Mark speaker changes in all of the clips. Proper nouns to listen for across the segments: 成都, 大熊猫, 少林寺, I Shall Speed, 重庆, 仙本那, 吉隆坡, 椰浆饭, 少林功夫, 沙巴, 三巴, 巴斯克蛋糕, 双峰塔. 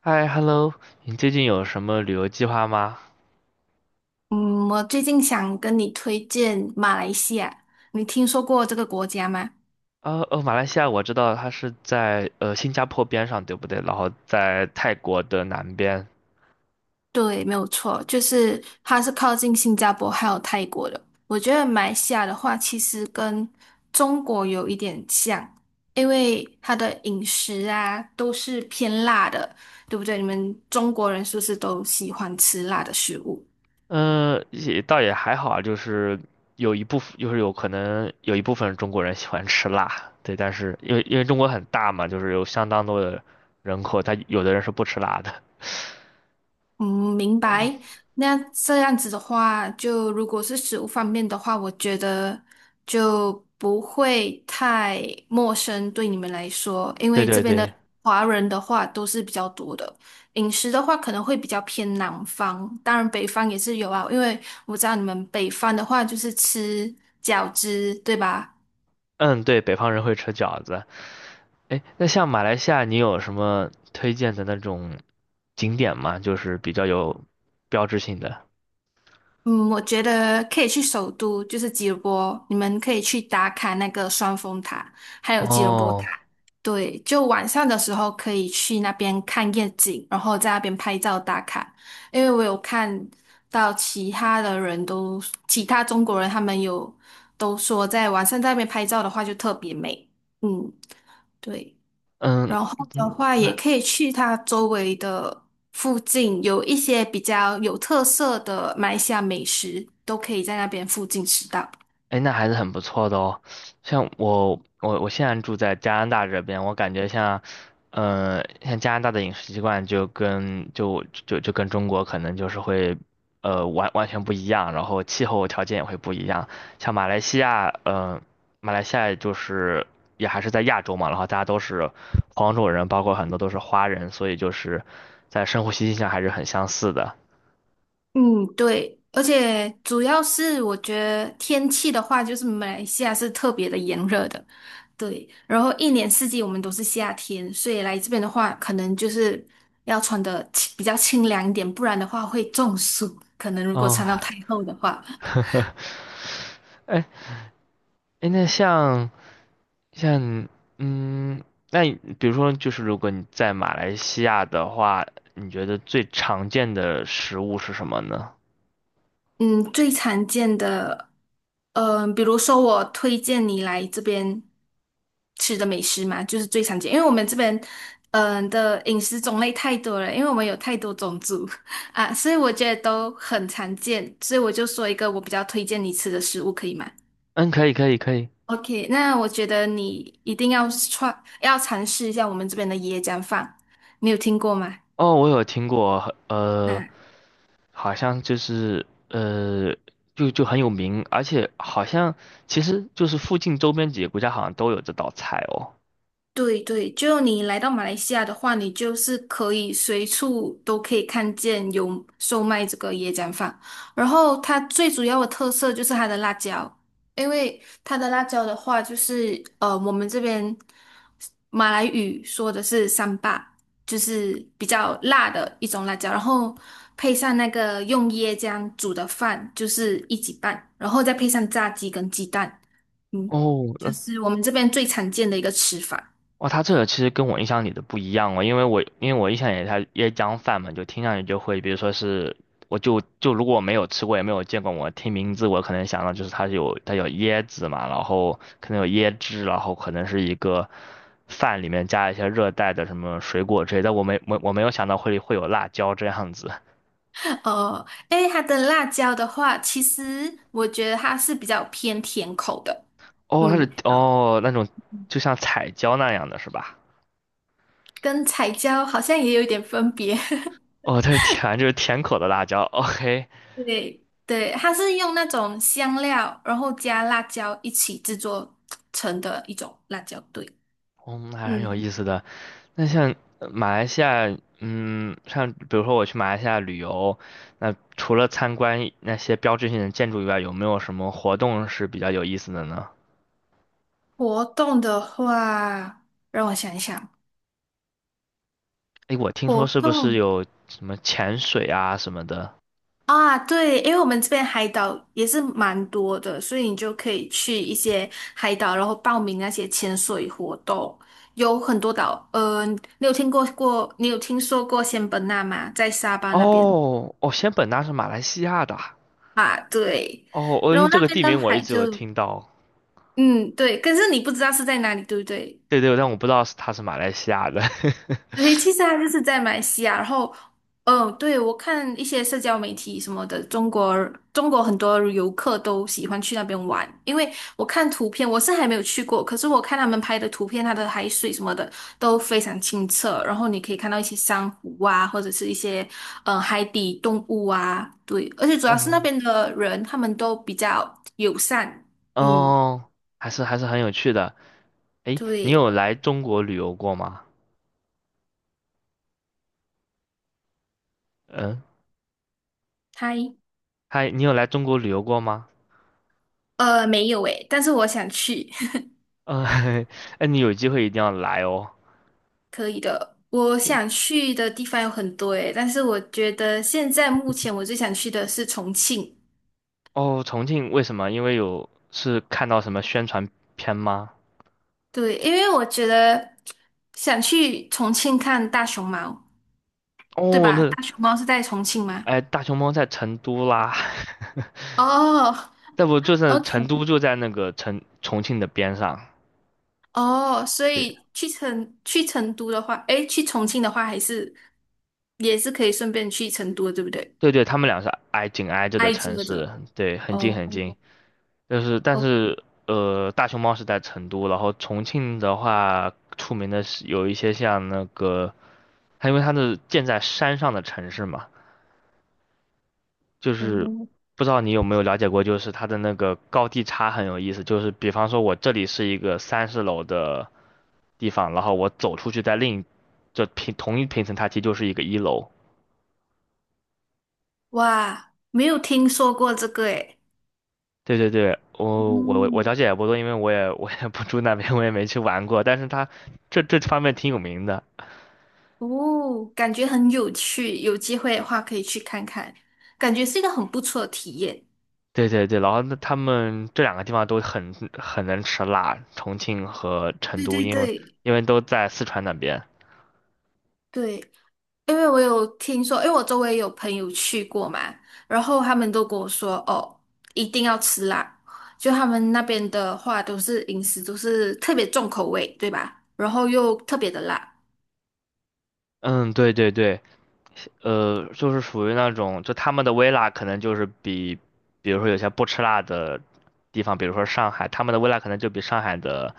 Speaker 1: 嗨，hello，你最近有什么旅游计划吗？
Speaker 2: 嗯，我最近想跟你推荐马来西亚，你听说过这个国家吗？
Speaker 1: 哦哦，马来西亚我知道它是在新加坡边上，对不对？然后在泰国的南边。
Speaker 2: 对，没有错，就是它是靠近新加坡还有泰国的。我觉得马来西亚的话，其实跟中国有一点像，因为它的饮食啊都是偏辣的，对不对？你们中国人是不是都喜欢吃辣的食物？
Speaker 1: 嗯、也倒也还好啊，就是有一部分，就是有可能有一部分中国人喜欢吃辣，对，但是因为中国很大嘛，就是有相当多的人口，他有的人是不吃辣的。
Speaker 2: 嗯，明
Speaker 1: 嗯，
Speaker 2: 白。那这样子的话，就如果是食物方面的话，我觉得就不会太陌生对你们来说，因
Speaker 1: 对
Speaker 2: 为这
Speaker 1: 对
Speaker 2: 边的
Speaker 1: 对。
Speaker 2: 华人的话都是比较多的。饮食的话可能会比较偏南方，当然北方也是有啊，因为我知道你们北方的话就是吃饺子，对吧？
Speaker 1: 嗯，对，北方人会吃饺子。哎，那像马来西亚，你有什么推荐的那种景点吗？就是比较有标志性的。
Speaker 2: 嗯，我觉得可以去首都，就是吉隆坡，你们可以去打卡那个双峰塔，还有吉隆坡塔。
Speaker 1: 哦，
Speaker 2: 对，就晚上的时候可以去那边看夜景，然后在那边拍照打卡。因为我有看到其他中国人他们都说，在晚上在那边拍照的话就特别美。嗯，对。
Speaker 1: 嗯，
Speaker 2: 然后的
Speaker 1: 嗯，
Speaker 2: 话，也可以去它周围的附近，有一些比较有特色的马来西亚美食，都可以在那边附近吃到。
Speaker 1: 哎，那还是很不错的哦。像我，我我现在住在加拿大这边，我感觉像，像加拿大的饮食习惯就跟中国可能就是会，完完全不一样，然后气候条件也会不一样。像马来西亚，嗯，马来西亚就是也还是在亚洲嘛，然后大家都是黄种人，包括很多都是华人，所以就是在生活习性上还是很相似的。
Speaker 2: 嗯，对，而且主要是我觉得天气的话，就是马来西亚是特别的炎热的，对，然后一年四季我们都是夏天，所以来这边的话，可能就是要穿的比较清凉一点，不然的话会中暑，可能如果
Speaker 1: 哦，
Speaker 2: 穿到太厚的话。
Speaker 1: 哎，哎，那像。像嗯，那你比如说，就是如果你在马来西亚的话，你觉得最常见的食物是什么呢？
Speaker 2: 嗯，最常见的，嗯、比如说我推荐你来这边吃的美食嘛，就是最常见，因为我们这边，嗯、的饮食种类太多了，因为我们有太多种族 啊，所以我觉得都很常见，所以我就说一个我比较推荐你吃的食物，可以吗
Speaker 1: 嗯，可以，可以，可以。
Speaker 2: ？OK，那我觉得你一定要尝试一下我们这边的椰浆饭，你有听过吗？
Speaker 1: 哦，我有听过，
Speaker 2: 啊
Speaker 1: 好像就很有名，而且好像其实就是附近周边几个国家好像都有这道菜哦。
Speaker 2: 对对，就你来到马来西亚的话，你就是可以随处都可以看见有售卖这个椰浆饭。然后它最主要的特色就是它的辣椒，因为它的辣椒的话，就是我们这边马来语说的是三巴，就是比较辣的一种辣椒。然后配上那个用椰浆煮的饭，就是一起拌，然后再配上炸鸡跟鸡蛋，嗯，
Speaker 1: 哦，
Speaker 2: 就是我们这边最常见的一个吃法。
Speaker 1: 哇，他这个其实跟我印象里的不一样哦，因为我印象里他椰浆饭嘛，就听上去就会，比如说是，我就就如果我没有吃过也没有见过，我听名字我可能想到就是它有椰子嘛，然后可能有椰汁，然后可能是一个饭里面加一些热带的什么水果之类的，但我没有想到会有辣椒这样子。
Speaker 2: 哦，诶，它的辣椒的话，其实我觉得它是比较偏甜口的，
Speaker 1: 哦，它是
Speaker 2: 嗯，
Speaker 1: 那种就像彩椒那样的是吧？
Speaker 2: 跟彩椒好像也有一点分别。
Speaker 1: 哦，它是甜，就是甜口的辣椒。OK。
Speaker 2: 对对，它是用那种香料，然后加辣椒一起制作成的一种辣椒对，
Speaker 1: 嗯，还是很有
Speaker 2: 嗯，
Speaker 1: 意思的。那像马来西亚，嗯，像比如说我去马来西亚旅游，那除了参观那些标志性的建筑以外，有没有什么活动是比较有意思的呢？
Speaker 2: 活动的话，让我想一想，
Speaker 1: 诶，我听说
Speaker 2: 活
Speaker 1: 是不是
Speaker 2: 动
Speaker 1: 有什么潜水啊什么的？
Speaker 2: 啊，对，因为我们这边海岛也是蛮多的，所以你就可以去一些海岛，然后报名那些潜水活动，有很多岛。呃，你有听过过，你有听说过仙本那吗？在沙巴那边
Speaker 1: 哦，哦，仙本那是马来西亚的啊。
Speaker 2: 啊，对，
Speaker 1: 哦，哦，因
Speaker 2: 然
Speaker 1: 为
Speaker 2: 后
Speaker 1: 这
Speaker 2: 那
Speaker 1: 个
Speaker 2: 边
Speaker 1: 地
Speaker 2: 的
Speaker 1: 名我一
Speaker 2: 海
Speaker 1: 直有
Speaker 2: 就，
Speaker 1: 听到。
Speaker 2: 嗯，对，可是你不知道是在哪里，对不对？
Speaker 1: 对对，但我不知道是它是马来西亚的。
Speaker 2: 对，其实他就是在马来西亚，然后，嗯，对，我看一些社交媒体什么的，中国很多游客都喜欢去那边玩，因为我看图片，我是还没有去过，可是我看他们拍的图片，它的海水什么的都非常清澈，然后你可以看到一些珊瑚啊，或者是一些海底动物啊，对，而且 主要是那
Speaker 1: 嗯，
Speaker 2: 边的人他们都比较友善，嗯，
Speaker 1: 哦，还是还是很有趣的。诶，你
Speaker 2: 对，
Speaker 1: 有来中国旅游过吗？嗯。
Speaker 2: 他
Speaker 1: 嗨，你有来中国旅游过吗？
Speaker 2: 没有诶，但是我想去。
Speaker 1: 嗯，哎，你有机会一定要来哦。
Speaker 2: 可以的，我
Speaker 1: 谢，
Speaker 2: 想去的地方有很多诶，但是我觉得现在目前我最想去的是重庆，
Speaker 1: 哦，重庆为什么？因为有是看到什么宣传片吗？
Speaker 2: 对，因为我觉得想去重庆看大熊猫，对
Speaker 1: 哦，
Speaker 2: 吧？
Speaker 1: 那，
Speaker 2: 大熊猫是在重庆吗？
Speaker 1: 哎，大熊猫在成都啦，
Speaker 2: 哦
Speaker 1: 那不就是
Speaker 2: ，OK，
Speaker 1: 成都就在那个成重庆的边上。
Speaker 2: 哦，所
Speaker 1: 对
Speaker 2: 以去成都的话，诶，去重庆的话，还是也是可以顺便去成都的，对不对？
Speaker 1: 对对，他们俩是挨紧挨着的
Speaker 2: 挨
Speaker 1: 城
Speaker 2: 着
Speaker 1: 市，
Speaker 2: 的，
Speaker 1: 对，很近
Speaker 2: 哦
Speaker 1: 很近。就是但
Speaker 2: ，OK，
Speaker 1: 是大熊猫是在成都，然后重庆的话，出名的是有一些像那个它因为它是建在山上的城市嘛，就是不知道你有没有了解过，就是它的那个高低差很有意思。就是比方说，我这里是一个30楼的地方，然后我走出去在另一平同一平层它其实就是一个一楼。
Speaker 2: 哇，没有听说过这个诶。
Speaker 1: 对对对，我了
Speaker 2: 嗯。
Speaker 1: 解也不多，因为我也不住那边，我也没去玩过。但是它这方面挺有名的。
Speaker 2: 哦，感觉很有趣，有机会的话可以去看看，感觉是一个很不错的体验。
Speaker 1: 对对对，然后那他们这两个地方都很能吃辣，重庆和成
Speaker 2: 对
Speaker 1: 都，
Speaker 2: 对对
Speaker 1: 因为都在四川那边。
Speaker 2: 对，因为我有听说，因为我周围有朋友去过嘛，然后他们都跟我说，哦，一定要吃辣，就他们那边的话都是饮食都是特别重口味，对吧？然后又特别的辣。
Speaker 1: 嗯，对对对，就是属于那种，就他们的微辣可能就是比如说有些不吃辣的地方，比如说上海，他们的微辣可能就比上海的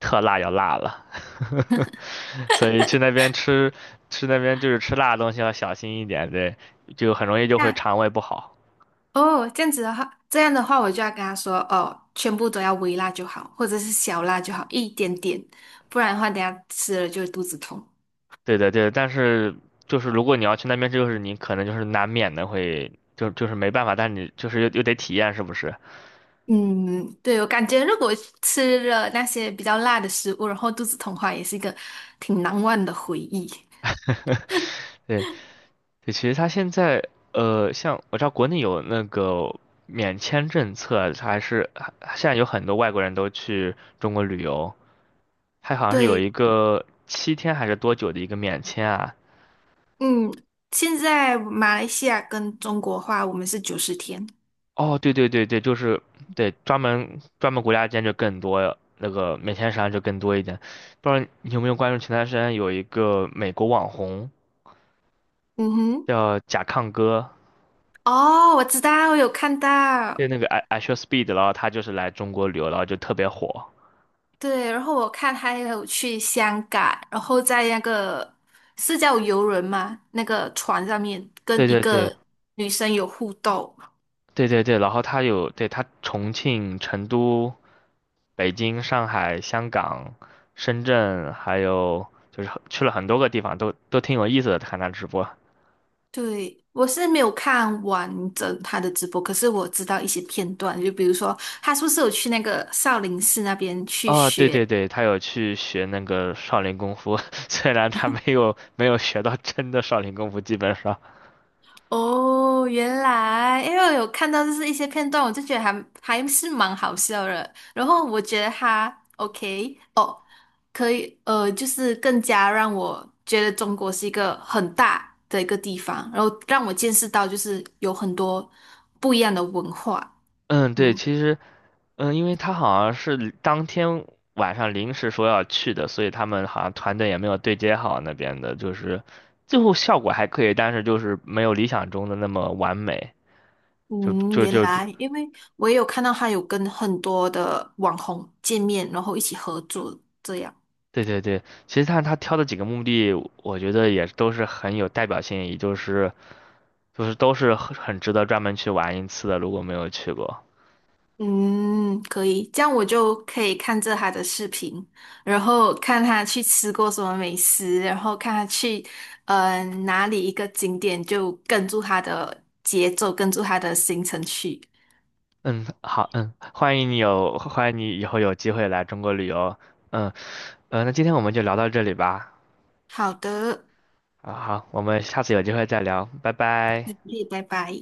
Speaker 1: 特辣要辣了，所以去那边吃，吃那边就是吃辣的东西要小心一点，对，就很容易就会
Speaker 2: 那
Speaker 1: 肠胃不好。
Speaker 2: 哦，这样子的话，这样的话，我就要跟他说，哦，全部都要微辣就好，或者是小辣就好，一点点，不然的话，等下吃了就会肚子痛。
Speaker 1: 对对对，但是就是如果你要去那边，就是你可能就是难免的会，就没办法，但是你就是又得体验，是不是？
Speaker 2: 嗯，对，我感觉如果吃了那些比较辣的食物，然后肚子痛的话，也是一个挺难忘的回忆。
Speaker 1: 对，对，其实它现在像我知道国内有那个免签政策啊，它还是还现在有很多外国人都去中国旅游，它好像是有
Speaker 2: 对，
Speaker 1: 一个7天还是多久的一个免签啊？
Speaker 2: 嗯，现在马来西亚跟中国话，我们是90天。
Speaker 1: 哦，对对对对，就是对专门国家间就更多那个免签商就更多一点，不知道你有没有关注前段时间有一个美国网红
Speaker 2: 嗯哼，
Speaker 1: 叫甲亢哥，
Speaker 2: 哦，我知道，我有看
Speaker 1: 就
Speaker 2: 到。
Speaker 1: 那个 I Shall Speed,然后他就是来中国旅游，然后就特别火。
Speaker 2: 对，然后我看他也有去香港，然后在那个是叫游轮吗？那个船上面
Speaker 1: 对
Speaker 2: 跟一
Speaker 1: 对对，
Speaker 2: 个女生有互动。
Speaker 1: 对对对，然后他有，对，他重庆、成都、北京、上海、香港、深圳，还有就是去了很多个地方，都都挺有意思的。看他直播，
Speaker 2: 对，我是没有看完整他的直播，可是我知道一些片段，就比如说他是不是有去那个少林寺那边去
Speaker 1: 哦，对对
Speaker 2: 学
Speaker 1: 对，他有去学那个少林功夫，虽然他没有学到真的少林功夫，基本上，
Speaker 2: 哦，原来，因为我有看到就是一些片段，我就觉得还是蛮好笑的。然后我觉得他 OK 哦，可以，就是更加让我觉得中国是一个很大的一个地方，然后让我见识到就是有很多不一样的文化。
Speaker 1: 嗯，对，
Speaker 2: 嗯
Speaker 1: 其实。嗯，因为他好像是当天晚上临时说要去的，所以他们好像团队也没有对接好那边的，就是最后效果还可以，但是就是没有理想中的那么完美。就
Speaker 2: 嗯，
Speaker 1: 就
Speaker 2: 原
Speaker 1: 就就，
Speaker 2: 来，因为我也有看到他有跟很多的网红见面，然后一起合作这样。
Speaker 1: 对对对，其实他挑的几个目的，我觉得也都是很有代表性，也就是就是都是很值得专门去玩一次的，如果没有去过。
Speaker 2: 嗯，可以，这样我就可以看着他的视频，然后看他去吃过什么美食，然后看他去，哪里一个景点，就跟住他的节奏，跟住他的行程去。
Speaker 1: 嗯，好，嗯，欢迎你以后有机会来中国旅游。嗯，呃，那今天我们就聊到这里吧。
Speaker 2: 好的，
Speaker 1: 啊，好，我们下次有机会再聊，拜
Speaker 2: 谢
Speaker 1: 拜。
Speaker 2: 谢，拜拜。